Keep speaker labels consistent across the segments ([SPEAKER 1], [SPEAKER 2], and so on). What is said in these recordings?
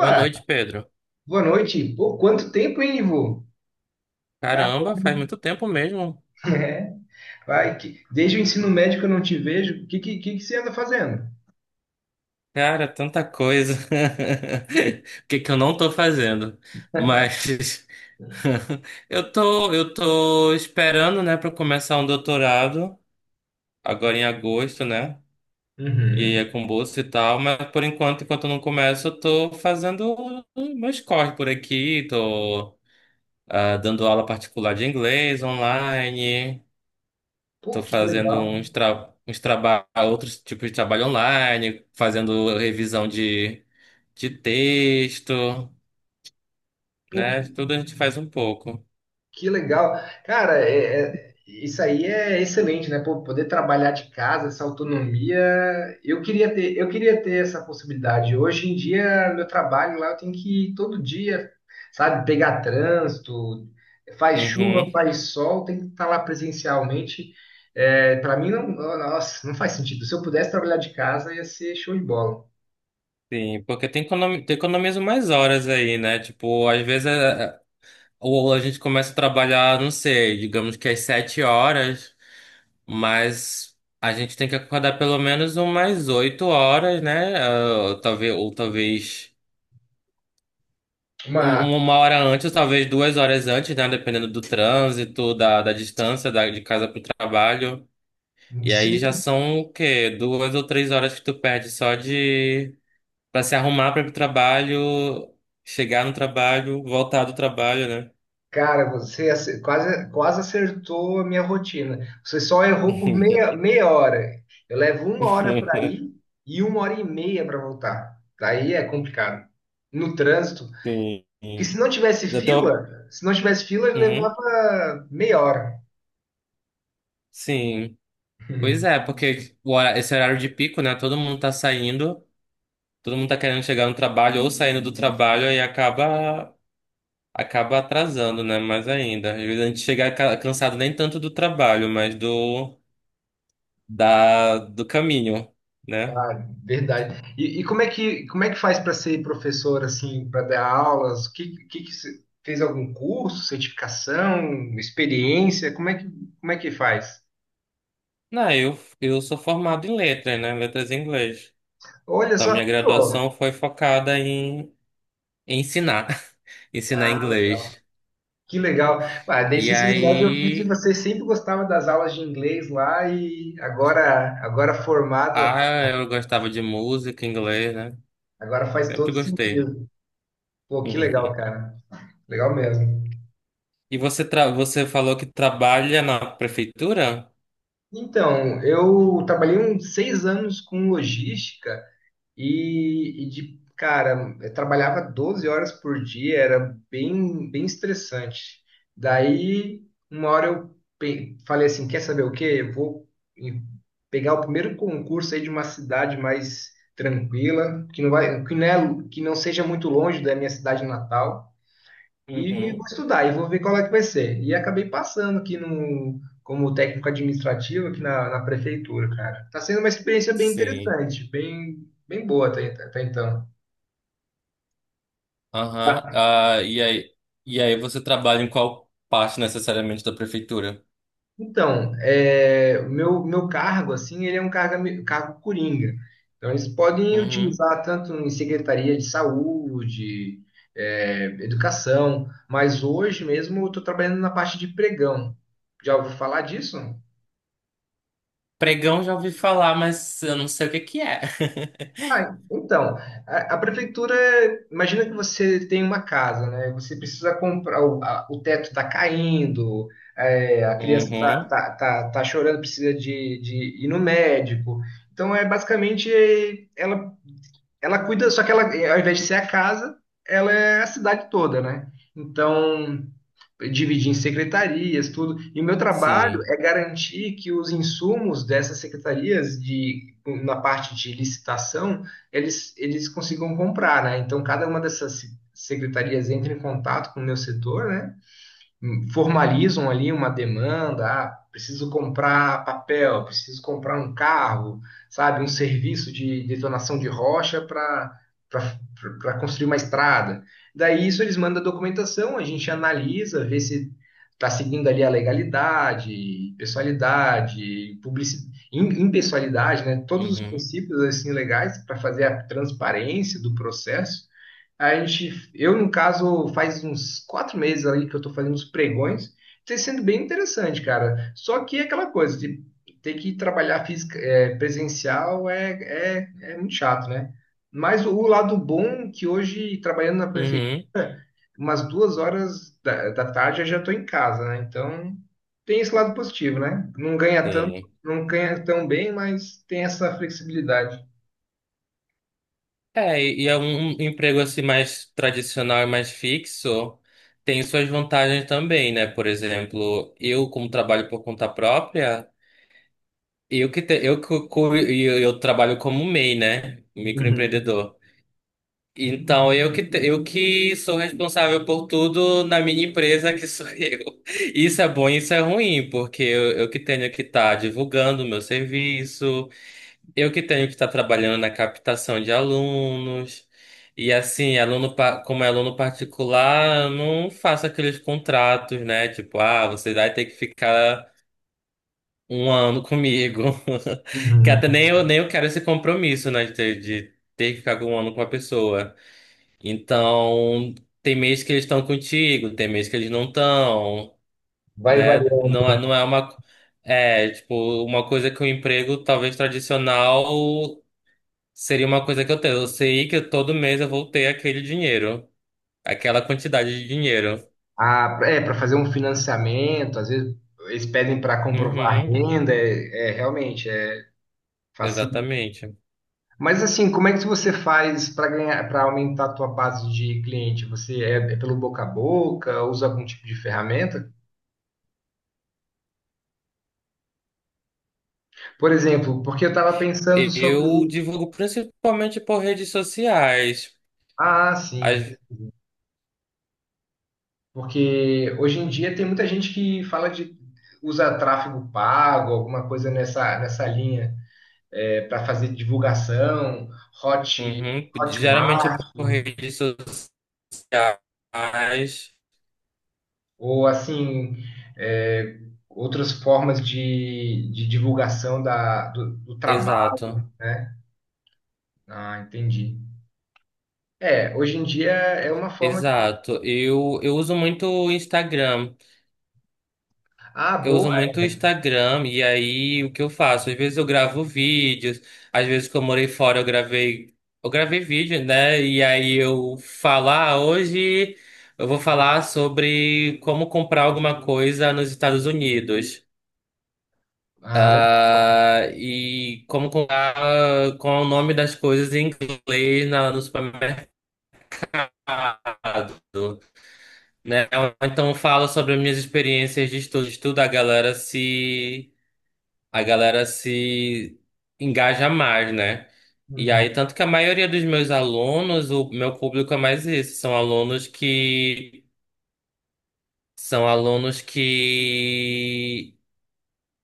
[SPEAKER 1] Boa noite, Pedro.
[SPEAKER 2] boa noite. Pô, quanto tempo, hein, Ivo? Cara,
[SPEAKER 1] Caramba, faz muito tempo mesmo.
[SPEAKER 2] é. Vai, desde o ensino médio que eu não te vejo. O que você anda fazendo?
[SPEAKER 1] Cara, tanta coisa. O que que eu não tô fazendo? Mas eu tô esperando, né, para começar um doutorado agora em agosto, né? E aí é
[SPEAKER 2] Uhum.
[SPEAKER 1] com bolsa e tal, mas por enquanto, enquanto eu não começo, eu tô fazendo meus corres por aqui, tô dando aula particular de inglês online.
[SPEAKER 2] Pô,
[SPEAKER 1] Tô
[SPEAKER 2] que
[SPEAKER 1] fazendo
[SPEAKER 2] legal.
[SPEAKER 1] uns, tra uns traba outros tipos de trabalho online, fazendo revisão de texto, né? Tudo a gente faz um pouco.
[SPEAKER 2] Que legal. Cara, isso aí é excelente, né? Pô, poder trabalhar de casa, essa autonomia. Eu queria ter essa possibilidade. Hoje em dia, meu trabalho lá, eu tenho que ir todo dia, sabe, pegar trânsito, faz chuva,
[SPEAKER 1] Uhum.
[SPEAKER 2] faz sol, tem que estar lá presencialmente. É, para mim, não, nossa, não faz sentido. Se eu pudesse trabalhar de casa, ia ser show de bola.
[SPEAKER 1] Sim, porque tem economiza mais horas aí, né? Tipo, às vezes ou a gente começa a trabalhar, não sei, digamos que às sete horas, mas a gente tem que acordar pelo menos umas oito horas, né? Ah, ou talvez, ou talvez.
[SPEAKER 2] Uma,
[SPEAKER 1] Uma hora antes, talvez duas horas antes, né? Dependendo do trânsito, da distância de casa pro trabalho. E aí já
[SPEAKER 2] sim.
[SPEAKER 1] são o quê? Duas ou três horas que tu perde só de... pra se arrumar para ir pro trabalho, chegar no trabalho, voltar do trabalho, né?
[SPEAKER 2] Cara, quase, quase acertou a minha rotina. Você só errou por meia hora. Eu levo uma hora para ir e uma hora e meia para voltar. Daí é complicado. No trânsito.
[SPEAKER 1] Sim.
[SPEAKER 2] Porque
[SPEAKER 1] Eu tô...
[SPEAKER 2] se não tivesse fila, ele
[SPEAKER 1] Uhum.
[SPEAKER 2] levava meia hora.
[SPEAKER 1] Sim. Pois é, porque esse horário de pico, né? Todo mundo tá saindo, todo mundo tá querendo chegar no trabalho ou saindo do trabalho e acaba atrasando, né? Mais ainda. Às vezes a gente chega cansado nem tanto do trabalho, mas do, do caminho, né?
[SPEAKER 2] Ah, verdade. Como é como é que faz para ser professor, assim, para dar aulas? O que você- fez algum curso, certificação, experiência? Como é que faz?
[SPEAKER 1] Não, eu sou formado em letras, né? Letras em inglês.
[SPEAKER 2] Olha
[SPEAKER 1] Então,
[SPEAKER 2] só.
[SPEAKER 1] minha graduação foi focada em, em ensinar, ensinar
[SPEAKER 2] Ah, legal.
[SPEAKER 1] inglês.
[SPEAKER 2] Que legal. Ah,
[SPEAKER 1] E
[SPEAKER 2] desde o ensino médio eu vi que
[SPEAKER 1] aí,
[SPEAKER 2] você sempre gostava das aulas de inglês lá e agora formada,
[SPEAKER 1] ah, eu gostava de música, inglês, né?
[SPEAKER 2] agora faz
[SPEAKER 1] Sempre
[SPEAKER 2] todo
[SPEAKER 1] gostei.
[SPEAKER 2] sentido. Pô, que legal, cara. Legal mesmo.
[SPEAKER 1] E você, tra você falou que trabalha na prefeitura?
[SPEAKER 2] Então, eu trabalhei uns seis anos com logística. Cara, eu trabalhava 12 horas por dia, era bem estressante. Daí, uma hora falei assim, quer saber o quê? Eu vou em- pegar o primeiro concurso aí de uma cidade mais tranquila, que que não seja muito longe da minha cidade natal. E vou
[SPEAKER 1] Uhum.
[SPEAKER 2] estudar e vou ver qual é que vai ser. E acabei passando aqui no, como técnico administrativo aqui na prefeitura, cara. Tá sendo uma experiência bem
[SPEAKER 1] Sim.
[SPEAKER 2] interessante, bem boa até, até então.
[SPEAKER 1] Aham. Ah, e aí você trabalha em qual parte necessariamente da prefeitura?
[SPEAKER 2] Então, é, meu cargo, assim, ele é um cargo coringa. Então, eles podem
[SPEAKER 1] Uhum.
[SPEAKER 2] utilizar tanto em secretaria de saúde, é, educação, mas hoje mesmo eu estou trabalhando na parte de pregão. Já ouviu falar disso?
[SPEAKER 1] Pregão já ouvi falar, mas eu não sei o que que é.
[SPEAKER 2] Ah, então, a prefeitura, imagina que você tem uma casa, né? Você precisa comprar, o teto está caindo, é, a criança está
[SPEAKER 1] Uhum.
[SPEAKER 2] tá, tá, tá- tá chorando, precisa de ir no médico. Então, é basicamente, é, ela cuida, só que ela, ao invés de ser a casa, ela é a cidade toda, né? Então, dividir em secretarias, tudo. E o meu trabalho
[SPEAKER 1] Sim.
[SPEAKER 2] é garantir que os insumos dessas secretarias de na parte de licitação, eles consigam comprar, né? Então cada uma dessas secretarias entra em contato com o meu setor, né? Formalizam ali uma demanda, ah, preciso comprar papel, preciso comprar um carro, sabe, um serviço de detonação de rocha para construir uma estrada. Daí isso eles mandam a documentação, a gente analisa, vê se está seguindo ali a legalidade, pessoalidade, publicidade, impessoalidade, né? Todos os
[SPEAKER 1] Uhum.
[SPEAKER 2] princípios assim legais para fazer a transparência do processo. Eu, no caso, faz uns quatro meses aí que eu tô fazendo os pregões. Tem sendo bem interessante, cara. Só que é aquela coisa de ter que trabalhar presencial é muito chato, né? Mas o lado bom é que hoje, trabalhando na prefeitura,
[SPEAKER 1] Uhum.
[SPEAKER 2] umas duas horas da tarde eu já tô em casa, né? Então tem esse lado positivo, né? Não ganha tanto,
[SPEAKER 1] Sim.
[SPEAKER 2] não ganha tão bem, mas tem essa flexibilidade.
[SPEAKER 1] É, e é um emprego assim mais tradicional e mais fixo, tem suas vantagens também, né? Por exemplo, eu como trabalho por conta própria, eu que te- eu, que cu- e eu trabalho como MEI, né?
[SPEAKER 2] Uhum,
[SPEAKER 1] Microempreendedor. Então, eu que sou responsável por tudo na minha empresa, que sou eu. Isso é bom e isso é ruim, porque eu que tenho que estar divulgando o meu serviço, eu que tenho que estar trabalhando na captação de alunos. E assim, como é aluno particular, eu não faço aqueles contratos, né? Tipo, ah, você vai ter que ficar um ano comigo. Que
[SPEAKER 2] uhum.
[SPEAKER 1] até nem eu quero esse compromisso, né? De, de ter que ficar um ano com a pessoa. Então, tem mês que eles estão contigo, tem mês que eles não estão,
[SPEAKER 2] Vai
[SPEAKER 1] né?
[SPEAKER 2] variando.
[SPEAKER 1] Não é uma. É, tipo, uma coisa que o emprego talvez tradicional seria uma coisa que eu tenho. Eu sei que todo mês eu vou ter aquele dinheiro, aquela quantidade de dinheiro.
[SPEAKER 2] Ah, é, para fazer um financiamento, às vezes eles pedem para comprovar
[SPEAKER 1] Uhum,
[SPEAKER 2] renda, realmente é fácil.
[SPEAKER 1] exatamente.
[SPEAKER 2] Mas assim, como é que você faz para ganhar, para aumentar a tua base de cliente? Você é pelo boca a boca, usa algum tipo de ferramenta? Por exemplo, porque eu estava pensando sobre,
[SPEAKER 1] Eu divulgo principalmente por redes sociais.
[SPEAKER 2] ah, sim,
[SPEAKER 1] As-
[SPEAKER 2] porque hoje em dia tem muita gente que fala de usa tráfego pago, alguma coisa nessa linha, para fazer divulgação, hot
[SPEAKER 1] uhum, geralmente
[SPEAKER 2] Hotmart,
[SPEAKER 1] por redes sociais.
[SPEAKER 2] ou assim, é, outras formas de divulgação do trabalho,
[SPEAKER 1] Exato.
[SPEAKER 2] né? Ah, entendi. É, hoje em dia é uma forma de.
[SPEAKER 1] Exato. Eu uso muito o Instagram.
[SPEAKER 2] Ah,
[SPEAKER 1] Eu
[SPEAKER 2] boa.
[SPEAKER 1] uso muito o Instagram e aí o que eu faço? Às vezes eu gravo vídeos, às vezes que eu morei fora eu gravei vídeo, né? E aí eu falar hoje eu vou falar sobre como comprar alguma coisa nos Estados Unidos.
[SPEAKER 2] Ah, legal.
[SPEAKER 1] Ah, e como comprar ah, qual é o nome das coisas em inglês no supermercado. Né? Então fala sobre as minhas experiências de estudo. Estudo, a galera se engaja mais, né? E aí,
[SPEAKER 2] Uhum.
[SPEAKER 1] tanto que a maioria dos meus alunos, o meu público é mais isso, são alunos que são alunos que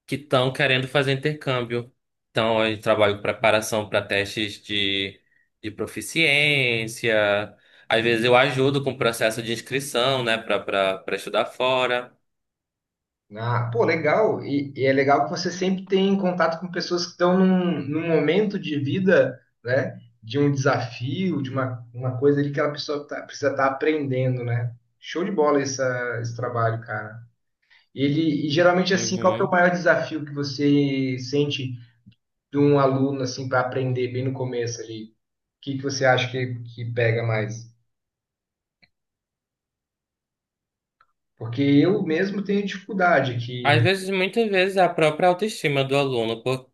[SPEAKER 1] que estão querendo fazer intercâmbio. Então, eu trabalho com preparação para testes de proficiência. Às vezes eu ajudo com o processo de inscrição, né, para estudar fora.
[SPEAKER 2] Ah, pô, legal. E é legal que você sempre tem contato com pessoas que estão num momento de vida, né? De um desafio, uma coisa ali que a pessoa tá- precisa estar aprendendo, né? Show de bola esse trabalho, cara. Ele, e geralmente, assim, qual que é o
[SPEAKER 1] Uhum.
[SPEAKER 2] maior desafio que você sente de um aluno, assim, para aprender bem no começo ali? O que que você acha que pega mais? Porque eu mesmo tenho dificuldade que
[SPEAKER 1] Às vezes, muitas vezes, é a própria autoestima do aluno, por...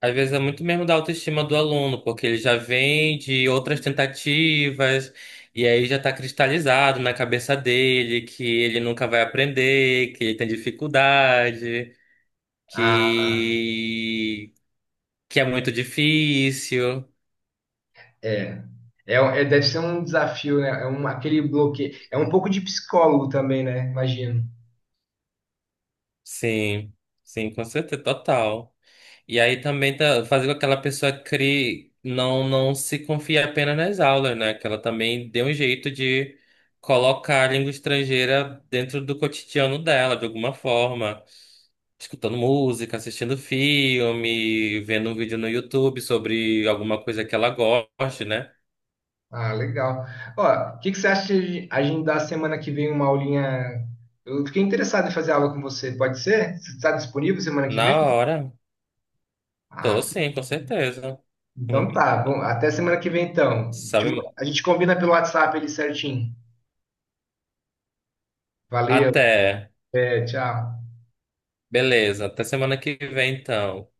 [SPEAKER 1] às vezes é muito mesmo da autoestima do aluno, porque ele já vem de outras tentativas, e aí já está cristalizado na cabeça dele que ele nunca vai aprender, que ele tem dificuldade, que, que é muito difícil.
[SPEAKER 2] é, deve ser um desafio, né? É um, aquele bloqueio. É um pouco de psicólogo também, né? Imagino.
[SPEAKER 1] Sim, sim, com certeza, total. E aí também tá, fazer com que aquela pessoa crie, não se confie apenas nas aulas, né? Que ela também dê um jeito de colocar a língua estrangeira dentro do cotidiano dela, de alguma forma. Escutando música, assistindo filme, vendo um vídeo no YouTube sobre alguma coisa que ela goste, né?
[SPEAKER 2] Ah, legal. Ó, o que que você acha de a gente dar semana que vem uma aulinha? Eu fiquei interessado em fazer aula com você. Pode ser? Você está disponível semana que
[SPEAKER 1] Na
[SPEAKER 2] vem?
[SPEAKER 1] hora, tô
[SPEAKER 2] Ah,
[SPEAKER 1] sim, com certeza.
[SPEAKER 2] então tá, bom, até semana que vem então.
[SPEAKER 1] Sabe,
[SPEAKER 2] A gente combina pelo WhatsApp ali certinho. Valeu,
[SPEAKER 1] até.
[SPEAKER 2] até, tchau.
[SPEAKER 1] Beleza, até semana que vem, então.